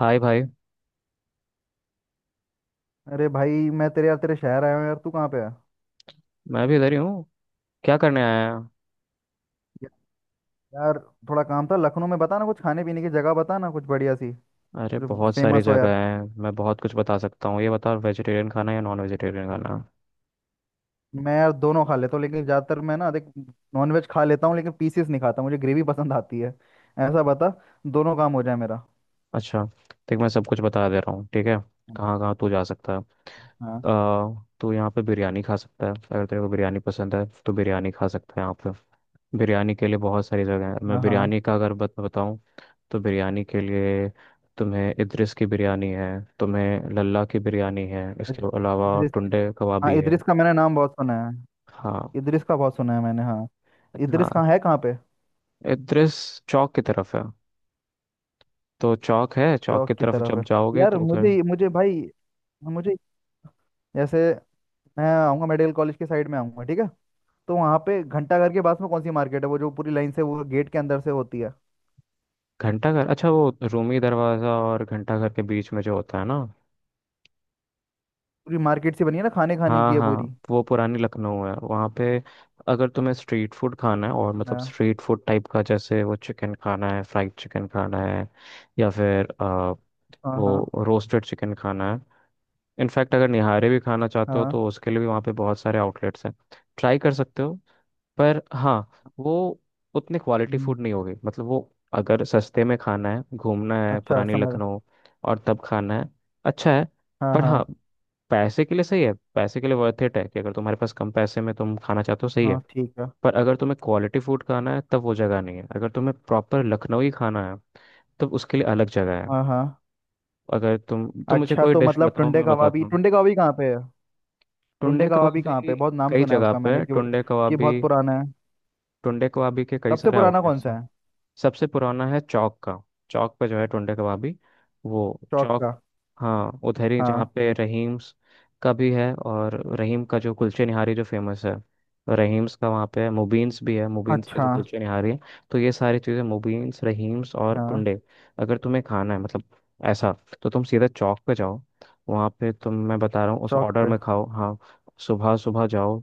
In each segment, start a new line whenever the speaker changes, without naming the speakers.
हाय भाई।
अरे भाई। मैं तेरे यार, तेरे शहर आया हूँ यार। तू कहाँ पे है?
मैं भी इधर ही हूँ। क्या करने आया है।
या- यार, थोड़ा काम था लखनऊ में। बता ना कुछ खाने पीने की जगह, बता ना कुछ बढ़िया सी
अरे
जो
बहुत सारी
फेमस हो
जगह
यार।
है, मैं बहुत कुछ बता सकता हूँ। ये बता वेजिटेरियन खाना है या नॉन वेजिटेरियन खाना है?
मैं यार दोनों खा लेता हूँ, लेकिन ज़्यादातर मैं ना देख, नॉनवेज खा लेता हूँ लेकिन पीसेस नहीं खाता, मुझे ग्रेवी पसंद आती है। ऐसा बता दोनों काम हो जाए मेरा।
अच्छा, देख मैं सब कुछ बता दे रहा हूँ, ठीक है। कहाँ कहाँ तू जा सकता है।
हाँ,
तू यहाँ पे बिरयानी खा सकता है, अगर तेरे को बिरयानी पसंद है तो बिरयानी खा सकता है यहाँ पे। बिरयानी के लिए बहुत सारी जगह है। मैं
हाँ। हाँ,
बिरयानी का अगर बत बताऊँ तो बिरयानी के लिए तुम्हें इद्रिस की बिरयानी है, तुम्हें लल्ला की बिरयानी है,
इद-
इसके अलावा
इदरिस।
टुंडे
हाँ,
कबाबी है।
इदरिस का मैंने नाम बहुत सुना है।
हाँ
इदरिस का बहुत सुना है मैंने, हाँ। इदरिस
हाँ।
कहाँ है, कहाँ पे?
इद्रिस चौक की तरफ है। तो चौक है, चौक की
चौक की
तरफ
तरफ
जब
है।
जाओगे
यार
तो उधर।
मुझे मुझे भाई, मुझे जैसे, मैं आऊँगा मेडिकल कॉलेज के साइड में आऊँगा, ठीक है? तो वहां पे घंटाघर के पास में कौन सी मार्केट है वो, जो पूरी लाइन से वो गेट के अंदर से होती है,
घंटाघर, अच्छा वो रूमी दरवाज़ा और घंटाघर के बीच में जो होता है ना।
पूरी मार्केट सी बनी है ना, खाने खाने
हाँ
की है
हाँ,
पूरी।
वो पुरानी लखनऊ है वहाँ पे। अगर तुम्हें स्ट्रीट फूड खाना है और मतलब
हाँ,
स्ट्रीट फूड टाइप का, जैसे वो चिकन खाना है, फ्राइड चिकन खाना है या फिर
हाँ। हाँ,
वो रोस्टेड चिकन खाना है। इनफैक्ट अगर निहारे भी खाना चाहते हो
हाँ।
तो उसके लिए भी वहाँ पे बहुत सारे आउटलेट्स हैं, ट्राई कर सकते हो। पर हाँ, वो उतनी क्वालिटी
हम्म,
फूड नहीं होगी। मतलब वो, अगर सस्ते में खाना है, घूमना है
अच्छा
पुरानी
समझ।
लखनऊ और तब खाना है, अच्छा है।
हाँ,
पर
हाँ।
हाँ, पैसे के लिए सही है, पैसे के लिए वर्थ इट है कि अगर तुम्हारे पास कम पैसे में तुम खाना चाहते हो, सही है।
हाँ, ठीक है।
पर अगर तुम्हें क्वालिटी फूड खाना है तब वो जगह नहीं है। अगर तुम्हें प्रॉपर लखनऊ ही खाना है तब उसके लिए अलग जगह है।
हाँ, हाँ।
अगर तुम मुझे
अच्छा,
कोई
तो
डिश
मतलब
बताओ
टुंडे
मैं
कबाबी,
बताता।
टुंडे कबाबी कहाँ पे है? टुंडे
टुंडे
कबाबी कहाँ पे
कबाबी
है? बहुत नाम
कई
सुना है
जगह
उसका
पे
मैंने
है।
कि
टुंडे
कि
कबाबी,
बहुत पुराना है।
टुंडे कबाबी के कई
सबसे
सारे
पुराना कौन
आउटलेट्स
सा
हैं।
है?
सबसे पुराना है चौक का। चौक पे जो है टुंडे कबाबी, वो
चौक
चौक।
का।
हाँ उधर ही जहाँ
हाँ।
पे रहीम्स का भी है, और रहीम का जो कुलचे निहारी जो फेमस है, रहीम्स का वहाँ पे है, मुबीन्स भी है, मुबीन्स का
अच्छा।
जो कुलचे निहारी है। तो ये सारी चीज़ें, मुबीन्स, रहीम्स और
हाँ,
टुंडे, अगर तुम्हें खाना है मतलब ऐसा, तो तुम सीधा चौक पे जाओ। वहाँ पे तुम, मैं बता रहा हूँ उस
चौक
ऑर्डर
पे।
में खाओ। हाँ सुबह सुबह जाओ,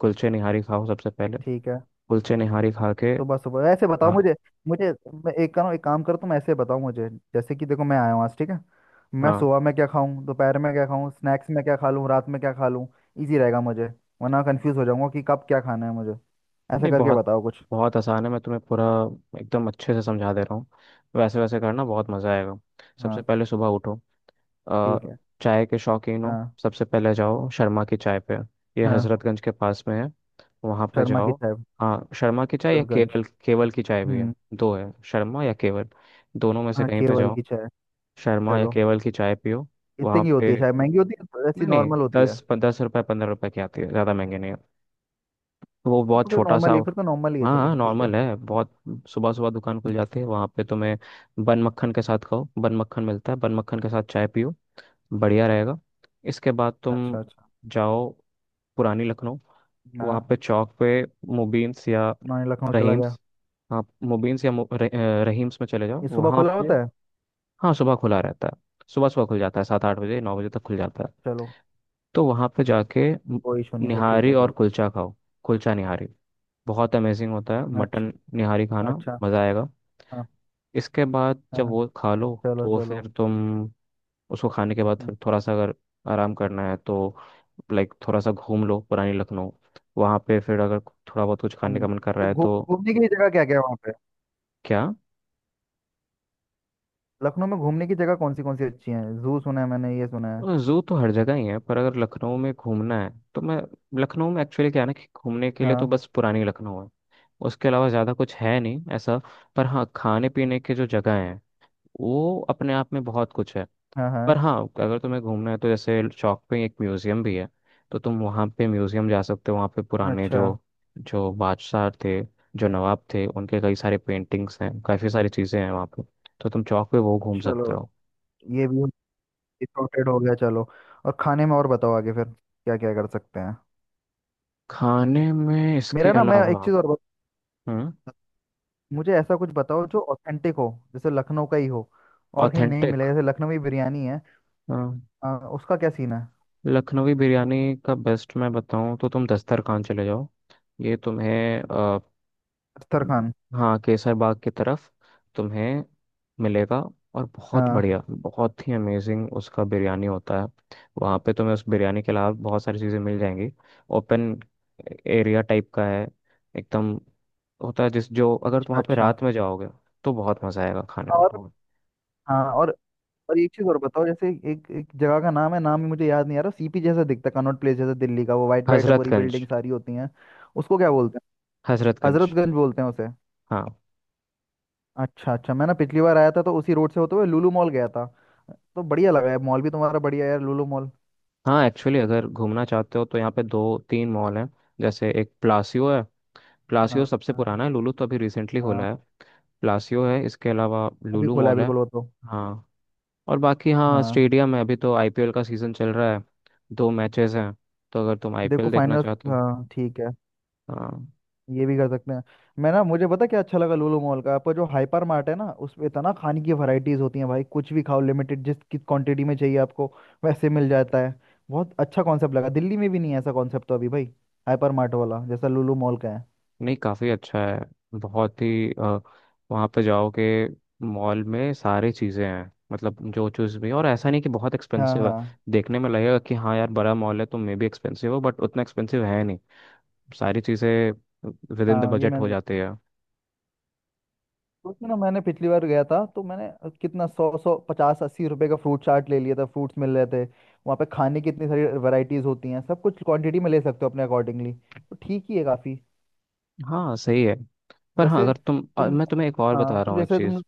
कुलचे निहारी खाओ सबसे पहले।
ठीक है।
कुलचे निहारी खा के,
सुबह सुबह ऐसे बताओ
हाँ
मुझे। मुझे, मैं एक करो, एक काम करो तुम, ऐसे बताओ मुझे। जैसे कि देखो मैं आया हूँ आज, ठीक है? मैं
हाँ,
सुबह में क्या खाऊं, दोपहर में क्या खाऊं, स्नैक्स में क्या खा लूं, रात में क्या खा लूं। इजी रहेगा मुझे, वरना कंफ्यूज हो जाऊंगा कि कब क्या खाना है मुझे। ऐसा
नहीं
करके
बहुत,
बताओ कुछ।
बहुत आसान है। मैं तुम्हें पूरा एकदम अच्छे से समझा दे रहा हूँ। वैसे वैसे करना बहुत मज़ा आएगा। सबसे
हाँ,
पहले सुबह उठो।
ठीक
अ,
है।
चाय के शौकीन हो,
हाँ,
सबसे पहले जाओ शर्मा की चाय पे। ये
हाँ।
हजरतगंज के पास में है, वहाँ पे
शर्मा की
जाओ।
चाय।
हाँ शर्मा की चाय या
हजरतगंज।
केवल, केवल की चाय भी है।
हम्म।
दो है, शर्मा या केवल, दोनों में से
हाँ,
कहीं पे
केवल
जाओ।
की चाय।
शर्मा या
चलो।
केवल की चाय पियो
इतनी
वहाँ
की
पे।
होती है चाय? महंगी होती है तो? ऐसी
नहीं नहीं,
नॉर्मल होती है?
10-10 रुपये 15 रुपये की आती है, ज़्यादा महंगी नहीं है। तो वो बहुत
तो फिर
छोटा सा,
नॉर्मल ही, फिर तो नॉर्मल ही है,
हाँ हाँ
चलो ठीक है।
नॉर्मल है बहुत। सुबह सुबह दुकान खुल
हम्म,
जाती है, वहाँ पे तुम्हें बन मक्खन के साथ खाओ, बन मक्खन मिलता है, बन मक्खन के साथ चाय पियो, बढ़िया रहेगा। इसके बाद तुम
अच्छा, अच्छा।
जाओ पुरानी लखनऊ,
ना,
वहाँ पे चौक पे, मुबीन्स या
ना, ये लखनऊ चला गया।
रहीम्स। हाँ मुबीन्स या रहीम्स में चले जाओ
ये सुबह
वहाँ
खुला
पे।
होता है?
हाँ सुबह खुला रहता है, सुबह सुबह खुल जाता है, 7-8 बजे 9 बजे तक खुल जाता है।
चलो,
तो वहाँ पे जाके
कोई इशू नहीं फिर, ठीक
निहारी
है
और
चलो।
कुलचा खाओ। कुलचा निहारी बहुत अमेजिंग होता है,
अच्छा,
मटन निहारी खाना,
अच्छा।
मज़ा आएगा।
हाँ,
इसके बाद जब
हाँ।
वो खा लो
चलो,
तो
चलो।
फिर तुम, उसको खाने के बाद
हम्म,
फिर थोड़ा सा अगर आराम करना है तो, लाइक थोड़ा सा घूम लो पुरानी लखनऊ। वहाँ पे फिर अगर थोड़ा बहुत कुछ खाने
घूमने
का मन कर
तो
रहा है तो।
घूमने की जगह क्या क्या है वहाँ पे?
क्या,
लखनऊ में घूमने की जगह कौन सी अच्छी है? जू सुना है मैंने, ये सुना है।
जू तो हर जगह ही है, पर अगर लखनऊ में घूमना है तो मैं, लखनऊ में एक्चुअली क्या है ना, कि घूमने के लिए तो
हाँ,
बस पुरानी लखनऊ है, उसके अलावा ज़्यादा कुछ है नहीं ऐसा। पर हाँ, खाने पीने के जो जगह हैं वो अपने आप में बहुत कुछ है।
हाँ। हाँ।
पर हाँ, अगर तुम्हें घूमना है तो जैसे चौक पे एक म्यूजियम भी है, तो तुम वहाँ पे म्यूजियम जा सकते हो। वहाँ पे पुराने
अच्छा।
जो जो बादशाह थे, जो नवाब थे, उनके कई सारे पेंटिंग्स हैं, काफ़ी सारी चीज़ें हैं वहाँ पे, तो तुम चौक पे वो घूम सकते
चलो,
हो।
ये भी सॉर्टेड हो गया, चलो। और खाने में और बताओ आगे फिर क्या क्या कर सकते हैं।
खाने में इसके
मेरा ना मैं एक
अलावा,
चीज़ और बत,
हम्म
मुझे ऐसा कुछ बताओ जो ऑथेंटिक हो, जैसे लखनऊ का ही हो और कहीं नहीं
ऑथेंटिक,
मिले, जैसे लखनवी बिरयानी है।
हाँ,
उसका क्या सीन है?
लखनवी बिरयानी का बेस्ट मैं बताऊँ तो तुम दस्तरखान चले जाओ। ये तुम्हें,
अख्तर खान।
हाँ केसर बाग की तरफ, तुम्हें मिलेगा। और बहुत
हाँ।
बढ़िया, बहुत ही अमेजिंग उसका बिरयानी होता है। वहाँ पे तुम्हें उस बिरयानी के अलावा बहुत सारी चीज़ें मिल जाएंगी। ओपन एरिया टाइप का है एकदम, होता है जिस जो, अगर तुम वहाँ पे
अच्छा,
रात में जाओगे तो बहुत मज़ा आएगा खाने में
अच्छा।
बहुत।
हाँ। और एक चीज और बताओ। जैसे एक एक जगह का नाम है, नाम ही मुझे याद नहीं आ रहा, सीपी जैसा दिखता है, कनॉट प्लेस जैसा दिल्ली का, वो वाइट वाइट है, पूरी
हजरतगंज।
बिल्डिंग सारी होती हैं। उसको क्या बोलते हैं?
हजरतगंज।
हजरतगंज बोलते हैं उसे?
हाँ।
अच्छा, अच्छा। मैं ना पिछली बार आया था तो उसी रोड से होते हुए लुलु मॉल गया था। तो बढ़िया लगा है मॉल भी तुम्हारा, बढ़िया है यार लुलु मॉल।
हाँ एक्चुअली अगर घूमना चाहते हो तो यहाँ पे दो तीन मॉल हैं, जैसे एक प्लासियो है,
हाँ,
प्लासियो सबसे
हाँ।
पुराना है, लुलु तो अभी रिसेंटली खोला
हाँ।
है। प्लासियो है, इसके अलावा
अभी
लुलु
खोला है
मॉल है।
बिल्कुल वो तो।
हाँ और बाकी, हाँ
हाँ।
स्टेडियम है, अभी तो आईपीएल का सीज़न चल रहा है, दो मैचेस हैं, तो अगर तुम
देखो
आईपीएल देखना
फाइनल।
चाहते हो।
हाँ, ठीक है।
हाँ।
ये भी कर सकते हैं। मैं ना, मुझे पता क्या अच्छा लगा? लूलू मॉल का आपका जो हाइपर मार्ट है ना, उसमें इतना खाने की वैरायटीज होती हैं भाई, कुछ भी खाओ लिमिटेड, जिस किस क्वांटिटी में चाहिए आपको वैसे मिल जाता है। बहुत अच्छा कॉन्सेप्ट लगा, दिल्ली में भी नहीं है ऐसा कॉन्सेप्ट तो अभी भाई, हाइपर मार्ट वाला जैसा लूलू मॉल का है।
नहीं काफ़ी अच्छा है, बहुत ही वहाँ पे जाओगे, मॉल में सारी चीज़ें हैं, मतलब जो चीज़ भी, और ऐसा नहीं कि बहुत
हाँ,
एक्सपेंसिव है।
हाँ।
देखने में लगेगा कि हाँ यार बड़ा मॉल है तो मे भी एक्सपेंसिव हो, बट उतना एक्सपेंसिव है नहीं। सारी चीज़ें विद इन द
हाँ ये
बजट
मैंने
हो
देखा।
जाती है।
तो उसमें ना, मैंने पिछली बार गया था तो मैंने कितना, सौ सौ 50 80 रुपए का फ्रूट चाट ले लिया था, फ्रूट्स मिल रहे थे। वहाँ पे खाने की इतनी सारी वैरायटीज होती हैं, सब कुछ क्वांटिटी में ले सकते हो अपने अकॉर्डिंगली, तो ठीक ही है काफ़ी।
हाँ सही है। पर हाँ
वैसे
अगर तुम
तुम,
मैं तुम्हें एक और
हाँ
बता रहा
तुम,
हूँ एक
जैसे तुम।
चीज़।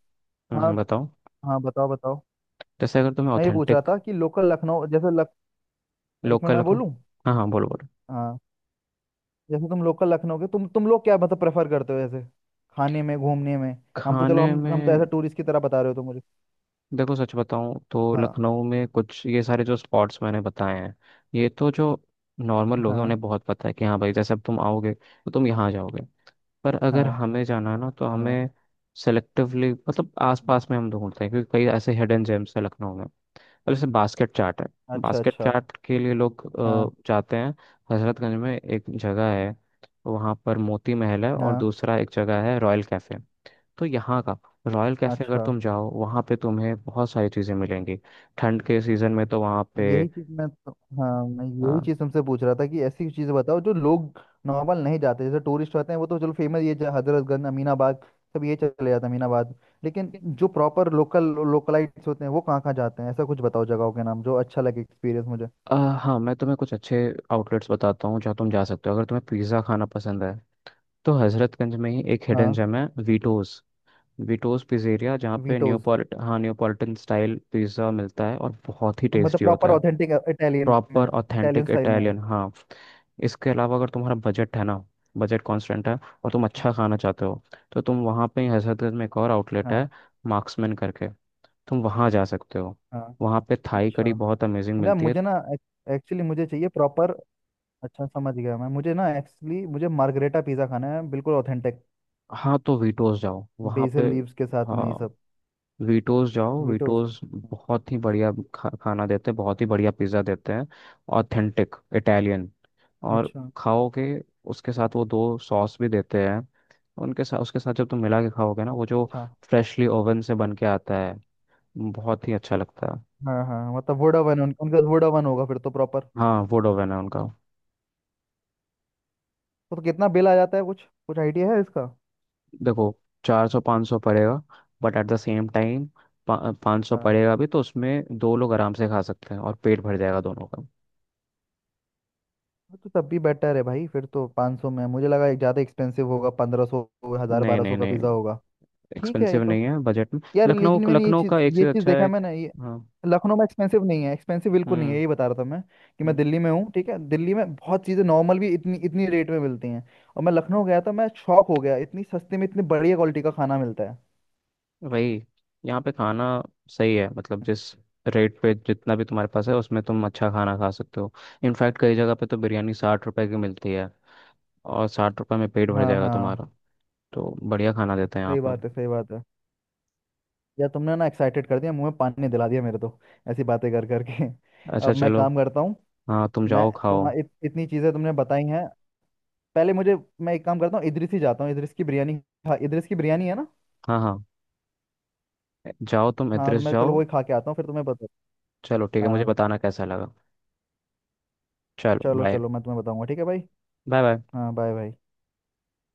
हाँ,
बताओ।
हाँ बताओ, बताओ।
जैसे अगर तुम्हें
मैं ये पूछ रहा
ऑथेंटिक,
था कि लोकल लखनऊ जैसे लख एक मिनट
लोकल
मैं बोलूँ।
हाँ हाँ बोलो बोलो,
हाँ। जैसे तुम लोकल लखनऊ के, तुम लोग क्या मतलब प्रेफर करते हो? जैसे खाने में, घूमने में। हम तो, चलो
खाने
हम तो
में,
ऐसा टूरिस्ट की तरह बता रहे हो तुम मुझे।
देखो सच बताऊं तो
हाँ,
लखनऊ में कुछ ये सारे जो स्पॉट्स मैंने बताए हैं, ये तो जो नॉर्मल लोग हैं
हाँ।
उन्हें बहुत पता है कि हाँ भाई, जैसे अब तुम आओगे तो तुम यहाँ जाओगे। पर अगर
हाँ,
हमें जाना है ना, तो
हाँ।
हमें सेलेक्टिवली, मतलब
हम्म,
आसपास में हम ढूंढते हैं, क्योंकि कई ऐसे हिडन जेम्स हैं लखनऊ में। अब जैसे बास्केट चाट है,
अच्छा,
बास्केट
अच्छा।
चाट के लिए लोग
हाँ,
जाते हैं। हजरतगंज में एक जगह है, वहाँ पर मोती महल है, और
हाँ।
दूसरा एक जगह है रॉयल कैफ़े। तो यहाँ का रॉयल कैफ़े, अगर
अच्छा।
तुम जाओ वहाँ पे तुम्हें बहुत सारी चीज़ें मिलेंगी, ठंड के सीज़न में तो वहाँ पे।
यही चीज मैं तो, हाँ, मैं यही
अ,
चीज तुमसे पूछ रहा था कि ऐसी चीजें बताओ जो लोग नॉर्मल नहीं जाते। जैसे टूरिस्ट आते हैं वो तो, चलो फेमस ये हजरतगंज, अमीनाबाद, सब ये चले जाते हैं अमीनाबाद। लेकिन जो प्रॉपर लोकल, लोकलाइट्स होते हैं वो कहाँ कहाँ जाते हैं, ऐसा कुछ बताओ जगहों के नाम जो अच्छा लगे एक्सपीरियंस मुझे।
अ, हाँ मैं तुम्हें कुछ अच्छे आउटलेट्स बताता हूँ, जहाँ तुम जा सकते हो। अगर तुम्हें पिज़्ज़ा खाना पसंद है तो हजरतगंज में ही एक हिडन
हाँ।
जेम है, वीटोज, विटोज पिज़्ज़ेरिया, जहाँ पे
वीटोज
न्योपोलिट, हाँ न्योपॉलिटन स्टाइल पिज़्ज़ा मिलता है, और बहुत ही
मतलब
टेस्टी होता
प्रॉपर
है।
ऑथेंटिक इटालियन
प्रॉपर
में? इटालियन
ऑथेंटिक
स्टाइल में।
इटालियन, हाँ। इसके अलावा अगर तुम्हारा बजट है ना, बजट कॉन्स्टेंट है, और तुम अच्छा खाना चाहते हो, तो तुम वहाँ पे ही हजरतगंज में एक और आउटलेट है,
हाँ,
मार्क्समैन करके, तुम वहाँ जा सकते हो।
हाँ।
वहाँ पे थाई कड़ी
अच्छा।
बहुत अमेजिंग
ना,
मिलती है।
मुझे ना, एक्चुअली मुझे चाहिए प्रॉपर। अच्छा, समझ गया मैं। मुझे ना एक्चुअली मुझे मार्गरेटा पिज़्ज़ा खाना है बिल्कुल ऑथेंटिक,
हाँ तो वीटोज जाओ वहाँ पे।
बेसल लीव्स के साथ
हाँ
में, ये सब।
वीटोज जाओ,
वीटोज।
वीटोज बहुत ही बढ़िया खाना देते हैं, बहुत ही बढ़िया पिज्ज़ा देते हैं, ऑथेंटिक इटालियन। और
अच्छा।
खाओ के, उसके साथ वो दो सॉस भी देते हैं, उनके साथ उसके साथ जब तुम मिला के खाओगे ना, वो जो
अच्छा।
फ्रेशली ओवन से बन के आता है, बहुत ही अच्छा लगता है।
हाँ, हाँ, मतलब वोडावन, उनका वोडावन होगा फिर तो प्रॉपर।
हाँ वुड ओवन है उनका।
तो कितना बिल आ जाता है, कुछ कुछ आइडिया है इसका?
देखो, 400 500 पड़ेगा, but at the same time 500
हाँ।
पड़ेगा भी, तो उसमें दो लोग आराम से खा सकते हैं और पेट भर जाएगा दोनों का।
वो तो तब भी बेटर है भाई, फिर तो 500 में। मुझे लगा एक ज़्यादा एक्सपेंसिव होगा, 1500, हज़ार
नहीं
बारह
नहीं
सौ का
नहीं,
पिज़्ज़ा होगा। ठीक है, ये
एक्सपेंसिव
तो।
नहीं है, बजट में।
यार
लखनऊ,
लेकिन मैंने ये
लखनऊ
चीज,
का एक
ये
चीज़
चीज
अच्छा है,
देखा मैंने ये।
हाँ।
लखनऊ में एक्सपेंसिव नहीं है, एक्सपेंसिव बिल्कुल नहीं है,
हम्म
यही बता रहा था मैं। कि मैं
हम्म,
दिल्ली में हूँ, ठीक है? दिल्ली में बहुत चीज़ें नॉर्मल भी इतनी इतनी रेट में मिलती हैं, और मैं लखनऊ गया था, मैं शॉक हो गया, इतनी सस्ते में इतनी बढ़िया क्वालिटी का खाना मिलता है।
वही, यहाँ पे खाना सही है, मतलब जिस रेट पे जितना भी तुम्हारे पास है उसमें तुम अच्छा खाना खा सकते हो। इनफैक्ट कई जगह पे तो बिरयानी 60 रुपए की मिलती है, और 60 रुपए में पेट भर
हाँ,
जाएगा
हाँ।
तुम्हारा। तो बढ़िया खाना देते हैं यहाँ
सही
पर।
बात है, सही बात है। यार तुमने ना एक्साइटेड कर दिया, मुंह में पानी दिला दिया मेरे तो, ऐसी बातें कर करके।
अच्छा
अब मैं
चलो,
काम करता हूँ।
हाँ तुम
मैं
जाओ खाओ।
इतनी चीज़ें तुमने बताई हैं पहले मुझे। मैं एक काम करता हूँ, इदरिस ही जाता हूँ, इदरिस की बिरयानी खा, इदरिस की बिरयानी है ना?
हाँ हाँ, जाओ तुम
हाँ तो
एड्रेस
मैं, चलो
जाओ।
वही खा के आता हूँ फिर तुम्हें बता।
चलो ठीक है, मुझे
हाँ,
बताना कैसा लगा। चलो
चलो,
बाय।
चलो, मैं तुम्हें बताऊंगा, ठीक है भाई।
Bye bye.
हाँ, बाय भाई।